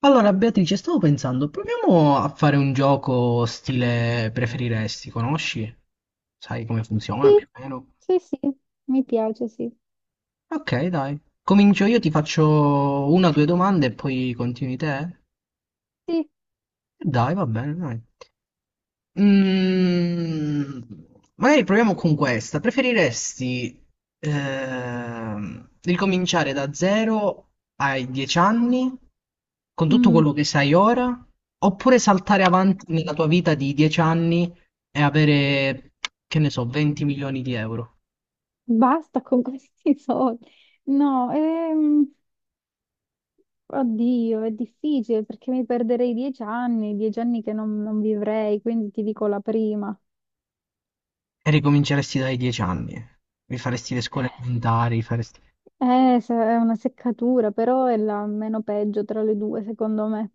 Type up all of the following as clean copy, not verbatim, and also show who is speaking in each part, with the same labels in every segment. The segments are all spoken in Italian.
Speaker 1: Allora, Beatrice, stavo pensando, proviamo a fare un gioco stile preferiresti, conosci? Sai come funziona
Speaker 2: Sì,
Speaker 1: più o meno?
Speaker 2: sì, sì, mi piace, sì.
Speaker 1: Ok, dai. Comincio io, ti faccio una o due domande e poi continui te?
Speaker 2: Sì,
Speaker 1: Dai, va bene, dai. Mm, magari proviamo con questa. Preferiresti ricominciare da zero ai 10 anni con tutto
Speaker 2: mm,
Speaker 1: quello che sai ora, oppure saltare avanti nella tua vita di 10 anni e avere, che ne so, 20 milioni di euro
Speaker 2: basta con questi soldi. No, oddio, è difficile perché mi perderei dieci anni che non vivrei, quindi ti dico la prima.
Speaker 1: e ricominceresti dai 10 anni? Rifaresti le scuole elementari, faresti...
Speaker 2: È una seccatura, però è la meno peggio tra le due, secondo me.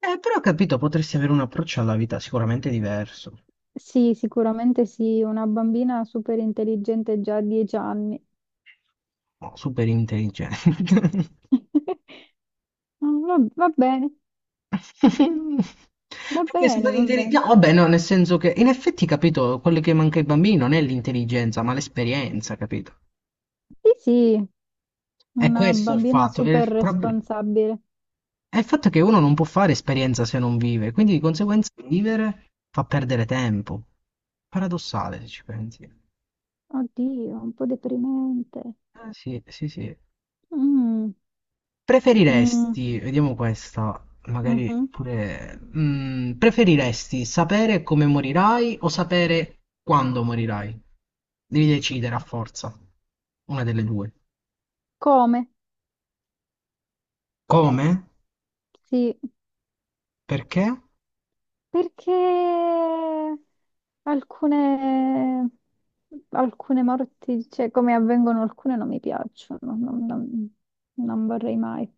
Speaker 1: Però ho capito, potresti avere un approccio alla vita sicuramente diverso.
Speaker 2: Sì, sicuramente sì, una bambina super intelligente già a dieci anni.
Speaker 1: No, super intelligente.
Speaker 2: Va, va bene,
Speaker 1: Perché super
Speaker 2: va
Speaker 1: intelligente.
Speaker 2: bene.
Speaker 1: No, vabbè, no, nel senso che in effetti, capito, quello che manca ai bambini non è l'intelligenza, ma l'esperienza, capito?
Speaker 2: Sì, sì,
Speaker 1: È
Speaker 2: una
Speaker 1: questo il
Speaker 2: bambina
Speaker 1: fatto.
Speaker 2: super responsabile.
Speaker 1: È il fatto che uno non può fare esperienza se non vive, quindi di conseguenza vivere fa perdere tempo. Paradossale, se ci pensi.
Speaker 2: Oddio, un po' deprimente.
Speaker 1: Sì, sì, sì.
Speaker 2: Mm, mm,
Speaker 1: Preferiresti, vediamo questa, magari
Speaker 2: mhm.
Speaker 1: pure... preferiresti sapere come morirai o sapere quando morirai? Devi decidere a forza, una delle due.
Speaker 2: Come?
Speaker 1: Come?
Speaker 2: Sì,
Speaker 1: Perché?
Speaker 2: perché alcune, alcune morti, cioè come avvengono alcune, non mi piacciono, non vorrei mai.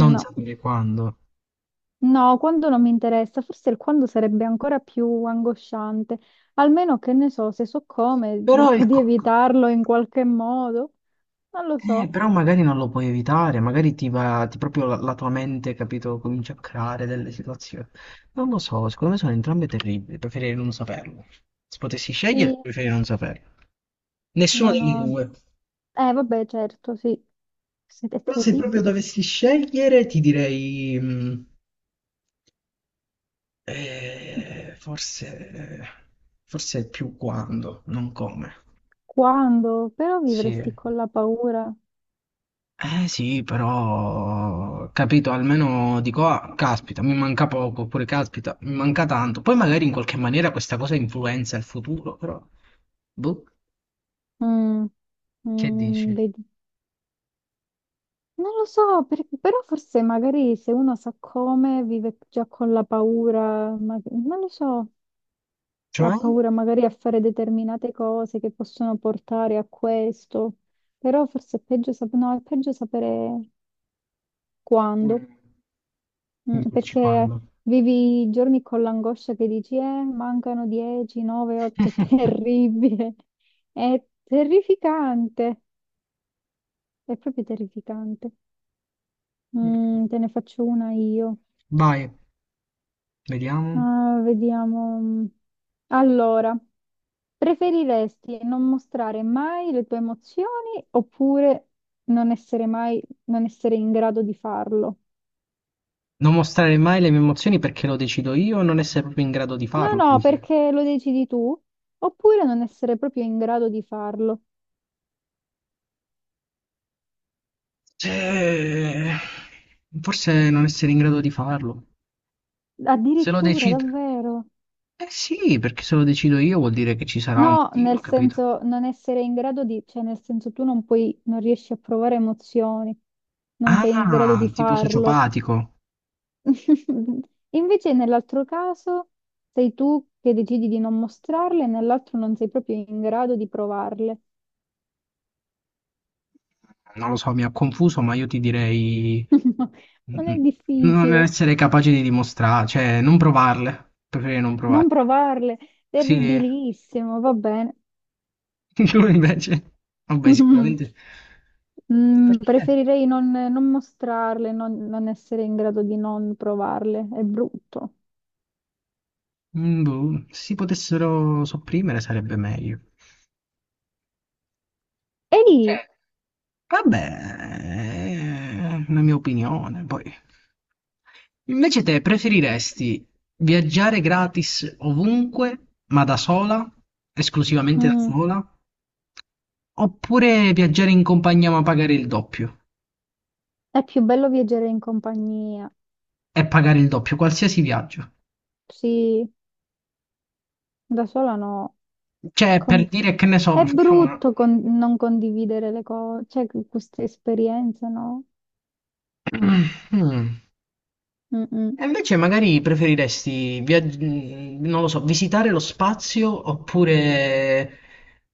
Speaker 1: Non sapere quando.
Speaker 2: No, quando non mi interessa, forse il quando sarebbe ancora più angosciante. Almeno che ne so, se so come,
Speaker 1: Però,
Speaker 2: cerco
Speaker 1: il
Speaker 2: di
Speaker 1: co-
Speaker 2: evitarlo in qualche modo. Non lo so.
Speaker 1: Però magari non lo puoi evitare, magari ti va, ti proprio la tua mente, capito, comincia a creare delle situazioni. Non lo so, secondo me sono entrambe terribili, preferirei non saperlo. Se potessi scegliere,
Speaker 2: Sì,
Speaker 1: preferirei non saperlo. Nessuno
Speaker 2: no,
Speaker 1: delle
Speaker 2: no.
Speaker 1: due.
Speaker 2: Vabbè, certo, sì. È
Speaker 1: Però se proprio
Speaker 2: terribile.
Speaker 1: dovessi scegliere, ti direi, eh, forse, forse più quando, non come.
Speaker 2: Quando? Però
Speaker 1: Sì.
Speaker 2: vivresti con la paura.
Speaker 1: Eh sì, però, capito, almeno dico, ah, caspita, mi manca poco, oppure caspita, mi manca tanto. Poi magari in qualche maniera questa cosa influenza il futuro, però, boh.
Speaker 2: Mm,
Speaker 1: Che
Speaker 2: mm,
Speaker 1: dici?
Speaker 2: vedi. Non lo so, però forse magari se uno sa come vive già con la paura, non lo so. Ha
Speaker 1: Cioè,
Speaker 2: paura magari a fare determinate cose che possono portare a questo, però forse è peggio, sap- no, è peggio sapere quando.
Speaker 1: Mm, mi
Speaker 2: Mm,
Speaker 1: dici
Speaker 2: perché
Speaker 1: quando.
Speaker 2: vivi i giorni con l'angoscia che dici, mancano 10, 9, 8, è terribile, è terrificante, è proprio terrificante. Mm, te ne faccio una io.
Speaker 1: Vai, vediamo.
Speaker 2: Ah, vediamo. Allora, preferiresti non mostrare mai le tue emozioni oppure non essere in grado di farlo?
Speaker 1: Non mostrare mai le mie emozioni perché lo decido io, non essere proprio in grado di
Speaker 2: No,
Speaker 1: farlo.
Speaker 2: no,
Speaker 1: Dici,
Speaker 2: perché lo decidi tu, oppure non essere proprio in grado di farlo.
Speaker 1: eh, forse non essere in grado di farlo. Se lo
Speaker 2: Addirittura,
Speaker 1: decido...
Speaker 2: davvero.
Speaker 1: Eh sì, perché se lo decido io vuol dire che ci sarà un
Speaker 2: No,
Speaker 1: motivo,
Speaker 2: nel
Speaker 1: capito?
Speaker 2: senso non essere in grado di, cioè nel senso tu non puoi, non riesci a provare emozioni, non sei in grado
Speaker 1: Ah,
Speaker 2: di
Speaker 1: tipo
Speaker 2: farlo.
Speaker 1: sociopatico.
Speaker 2: Invece nell'altro caso sei tu che decidi di non mostrarle e nell'altro non sei proprio in grado di provarle.
Speaker 1: Non lo so, mi ha confuso, ma io ti direi... mm,
Speaker 2: Non è
Speaker 1: mm, non
Speaker 2: difficile.
Speaker 1: essere capace di dimostrare, cioè non provarle. Preferirei non
Speaker 2: Non
Speaker 1: provarle.
Speaker 2: provarle,
Speaker 1: Sì,
Speaker 2: terribilissimo, va bene.
Speaker 1: tu invece... Vabbè, sicuramente... E
Speaker 2: Mm,
Speaker 1: perché?
Speaker 2: preferirei non mostrarle, non essere in grado di non provarle, è brutto.
Speaker 1: Boh, se si potessero sopprimere sarebbe meglio.
Speaker 2: E
Speaker 1: Cioè,
Speaker 2: lì,
Speaker 1: vabbè, è una mia opinione, poi. Invece te preferiresti viaggiare gratis ovunque, ma da sola, esclusivamente da
Speaker 2: mm,
Speaker 1: sola, oppure viaggiare in compagnia ma pagare il doppio?
Speaker 2: è più bello viaggiare in compagnia.
Speaker 1: E pagare il doppio, qualsiasi viaggio.
Speaker 2: Sì, da sola no.
Speaker 1: Cioè,
Speaker 2: Con-
Speaker 1: per dire che ne
Speaker 2: È
Speaker 1: so, facciamo
Speaker 2: brutto
Speaker 1: una...
Speaker 2: non condividere le cose, cioè queste esperienze, no?
Speaker 1: Mm.
Speaker 2: Mm-mm.
Speaker 1: E invece magari preferiresti, non lo so, visitare lo spazio oppure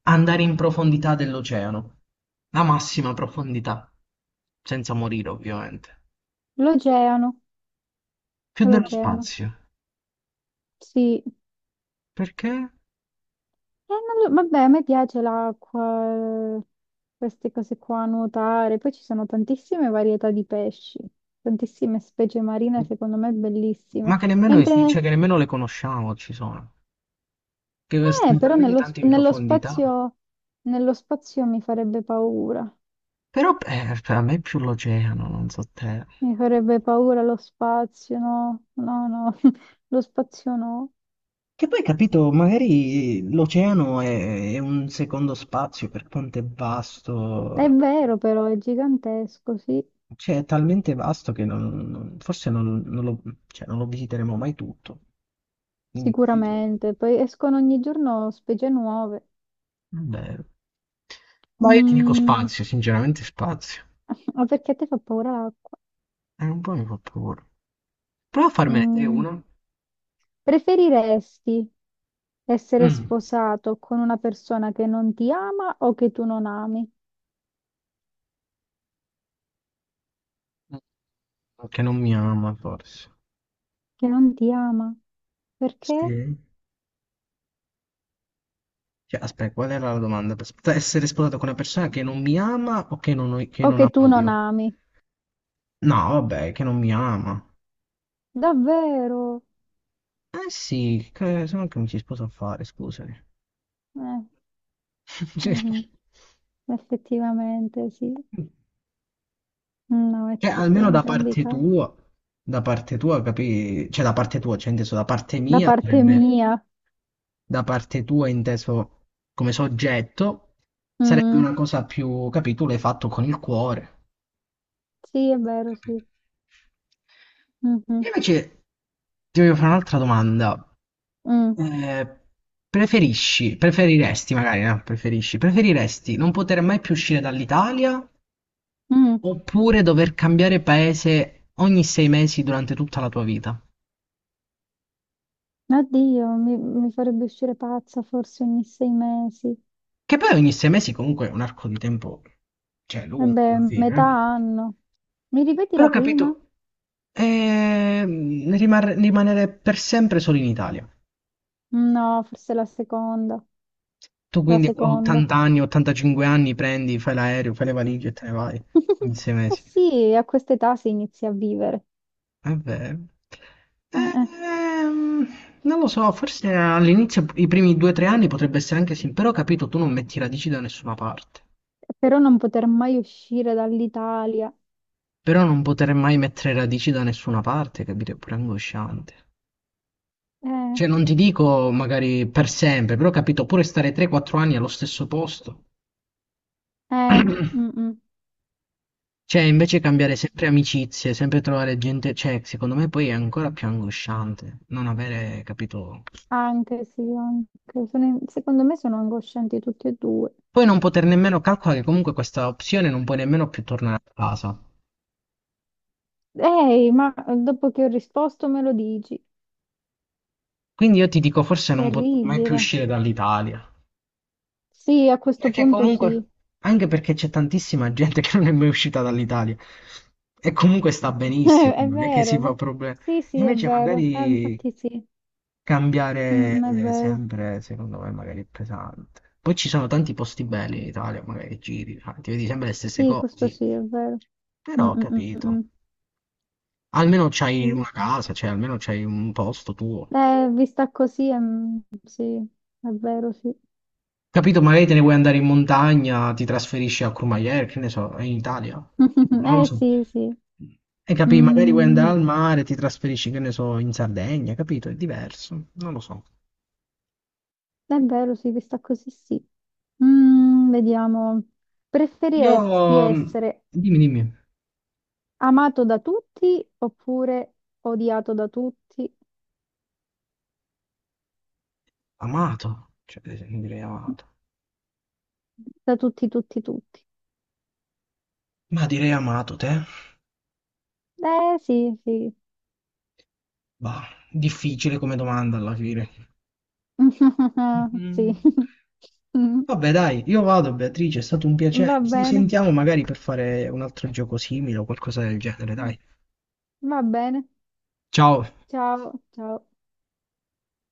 Speaker 1: andare in profondità dell'oceano, la massima profondità, senza morire ovviamente.
Speaker 2: L'oceano,
Speaker 1: Più dello
Speaker 2: l'oceano,
Speaker 1: spazio,
Speaker 2: sì.
Speaker 1: perché?
Speaker 2: Non lo- vabbè, a me piace l'acqua, queste cose qua, nuotare. Poi ci sono tantissime varietà di pesci, tantissime specie marine, secondo me bellissime.
Speaker 1: Ma che nemmeno,
Speaker 2: Mentre,
Speaker 1: cioè, che nemmeno le conosciamo, ci sono, che sono
Speaker 2: però
Speaker 1: talmente tanto in profondità.
Speaker 2: nello spazio mi farebbe paura.
Speaker 1: Però, per me è più l'oceano, non so te.
Speaker 2: Mi farebbe paura lo spazio, no, no, no, lo spazio no.
Speaker 1: Che poi, capito, magari l'oceano è un secondo spazio per quanto è
Speaker 2: È
Speaker 1: vasto,
Speaker 2: vero però, è gigantesco, sì,
Speaker 1: cioè è talmente vasto che forse non lo, cioè, non lo visiteremo mai tutto. Quindi, capito,
Speaker 2: sicuramente. Poi escono ogni giorno specie nuove.
Speaker 1: vabbè. Ma io ti dico
Speaker 2: Mm,
Speaker 1: spazio, sinceramente spazio.
Speaker 2: ma perché a te fa paura l'acqua?
Speaker 1: È un po' mi fa paura. Prova a farmene te
Speaker 2: Mm,
Speaker 1: uno.
Speaker 2: preferiresti essere
Speaker 1: Mm.
Speaker 2: sposato con una persona che non ti ama o che tu non ami?
Speaker 1: Che non mi ama, forse.
Speaker 2: Che non ti ama? Perché?
Speaker 1: Sì. Cioè, aspetta, qual era la domanda? Aspetta, essere sposato con una persona che non mi ama o che non, che
Speaker 2: O
Speaker 1: non
Speaker 2: che tu
Speaker 1: amo
Speaker 2: non
Speaker 1: io?
Speaker 2: ami?
Speaker 1: No, vabbè, che non mi ama.
Speaker 2: Davvero?
Speaker 1: Eh sì, che, se no che mi si sposa a fare, scusami.
Speaker 2: Eh, mhm. Effettivamente, sì. Mm, no, è
Speaker 1: Cioè,
Speaker 2: triste in
Speaker 1: almeno
Speaker 2: entrambi i casi.
Speaker 1: da parte tua, capì? Cioè, da parte tua, cioè, inteso da parte
Speaker 2: Da
Speaker 1: mia,
Speaker 2: parte
Speaker 1: sarebbe
Speaker 2: mia.
Speaker 1: da parte tua, inteso come soggetto, sarebbe
Speaker 2: Mm,
Speaker 1: una cosa più, capì? Tu l'hai fatto con il cuore,
Speaker 2: sì, è vero, sì.
Speaker 1: capito? Io
Speaker 2: Mhm,
Speaker 1: invece ti voglio fare un'altra domanda.
Speaker 2: mm,
Speaker 1: Eh, preferisci, preferiresti magari, no, preferisci, preferiresti non poter mai più uscire dall'Italia
Speaker 2: mm.
Speaker 1: oppure dover cambiare paese ogni 6 mesi durante tutta la tua vita?
Speaker 2: Oddio, mi farebbe uscire pazza forse ogni sei mesi.
Speaker 1: Che poi ogni 6 mesi comunque è un arco di tempo, cioè, lungo
Speaker 2: Vabbè,
Speaker 1: alla fine,
Speaker 2: metà
Speaker 1: eh.
Speaker 2: anno. Mi ripeti
Speaker 1: Però
Speaker 2: la
Speaker 1: ho capito,
Speaker 2: prima?
Speaker 1: rimanere per sempre solo in Italia.
Speaker 2: No, forse la seconda.
Speaker 1: Tu
Speaker 2: La
Speaker 1: quindi a
Speaker 2: seconda.
Speaker 1: 80 anni, 85 anni prendi, fai l'aereo, fai le valigie e te ne vai in sei
Speaker 2: Eh
Speaker 1: mesi.
Speaker 2: sì, a questa età si inizia a vivere.
Speaker 1: È vero.
Speaker 2: Eh.
Speaker 1: Ehm, non lo so, forse all'inizio, i primi 2 o 3 anni potrebbe essere anche sì, però ho capito, tu non metti radici da nessuna parte.
Speaker 2: Però non poter mai uscire dall'Italia.
Speaker 1: Però non poter mai mettere radici da nessuna parte, capito, è pure angosciante.
Speaker 2: Eh,
Speaker 1: Cioè, non ti dico magari per sempre, però ho capito, pure stare 3-4 anni allo stesso posto.
Speaker 2: eh, mm, mm.
Speaker 1: Cioè, invece cambiare sempre amicizie, sempre trovare gente, cioè, secondo me poi è ancora più angosciante non avere, capito,
Speaker 2: Anche sì, anche. Secondo me sono angoscianti tutti e due.
Speaker 1: poi non poter nemmeno calcolare che comunque questa opzione non puoi nemmeno più tornare a casa.
Speaker 2: Ehi, ma dopo che ho risposto me lo dici.
Speaker 1: Quindi io ti dico, forse non potrò mai più
Speaker 2: Terribile.
Speaker 1: uscire dall'Italia.
Speaker 2: Sì, a questo
Speaker 1: Perché
Speaker 2: punto sì.
Speaker 1: comunque, anche perché c'è tantissima gente che non è mai uscita dall'Italia. E comunque sta
Speaker 2: È,
Speaker 1: benissimo,
Speaker 2: è
Speaker 1: non è che
Speaker 2: vero,
Speaker 1: si
Speaker 2: è
Speaker 1: fa
Speaker 2: ve-
Speaker 1: problemi.
Speaker 2: Sì, sì, è
Speaker 1: Invece
Speaker 2: vero.
Speaker 1: magari
Speaker 2: Infatti sì.
Speaker 1: cambiare
Speaker 2: Mm, è vero.
Speaker 1: sempre, secondo me, magari è pesante. Poi ci sono tanti posti belli in Italia, magari giri, sai, ti vedi sempre le stesse
Speaker 2: Sì, questo
Speaker 1: cose.
Speaker 2: sì, è vero. Mm,
Speaker 1: Però ho
Speaker 2: mm, mm,
Speaker 1: capito.
Speaker 2: mm.
Speaker 1: Almeno c'hai
Speaker 2: Sì.
Speaker 1: una casa, cioè almeno c'hai un posto tuo.
Speaker 2: Vista così, sì, è vero, sì.
Speaker 1: Capito? Magari te ne vuoi andare in montagna, ti trasferisci a Courmayeur, che ne so, in Italia. Non lo
Speaker 2: Eh
Speaker 1: so.
Speaker 2: sì, sì.
Speaker 1: E capì, magari vuoi andare
Speaker 2: Mm.
Speaker 1: al mare, ti trasferisci, che ne so, in Sardegna, capito? È diverso, non lo so.
Speaker 2: È vero, sì, questa così sì. Mm, vediamo.
Speaker 1: Io,
Speaker 2: Preferiresti essere
Speaker 1: dimmi, dimmi,
Speaker 2: amato da tutti oppure odiato da tutti?
Speaker 1: amato, cioè, direi amato.
Speaker 2: Da tutti, tutti, tutti.
Speaker 1: Ma direi amato te?
Speaker 2: Eh sì, sì.
Speaker 1: Bah, difficile come domanda alla fine.
Speaker 2: Sì.
Speaker 1: Mhm.
Speaker 2: Mm,
Speaker 1: Vabbè, dai, io vado, Beatrice, è stato un piacere.
Speaker 2: va
Speaker 1: Ci
Speaker 2: bene.
Speaker 1: sentiamo magari per fare un altro gioco simile o qualcosa del genere, dai.
Speaker 2: Va bene.
Speaker 1: Ciao.
Speaker 2: Ciao, ciao.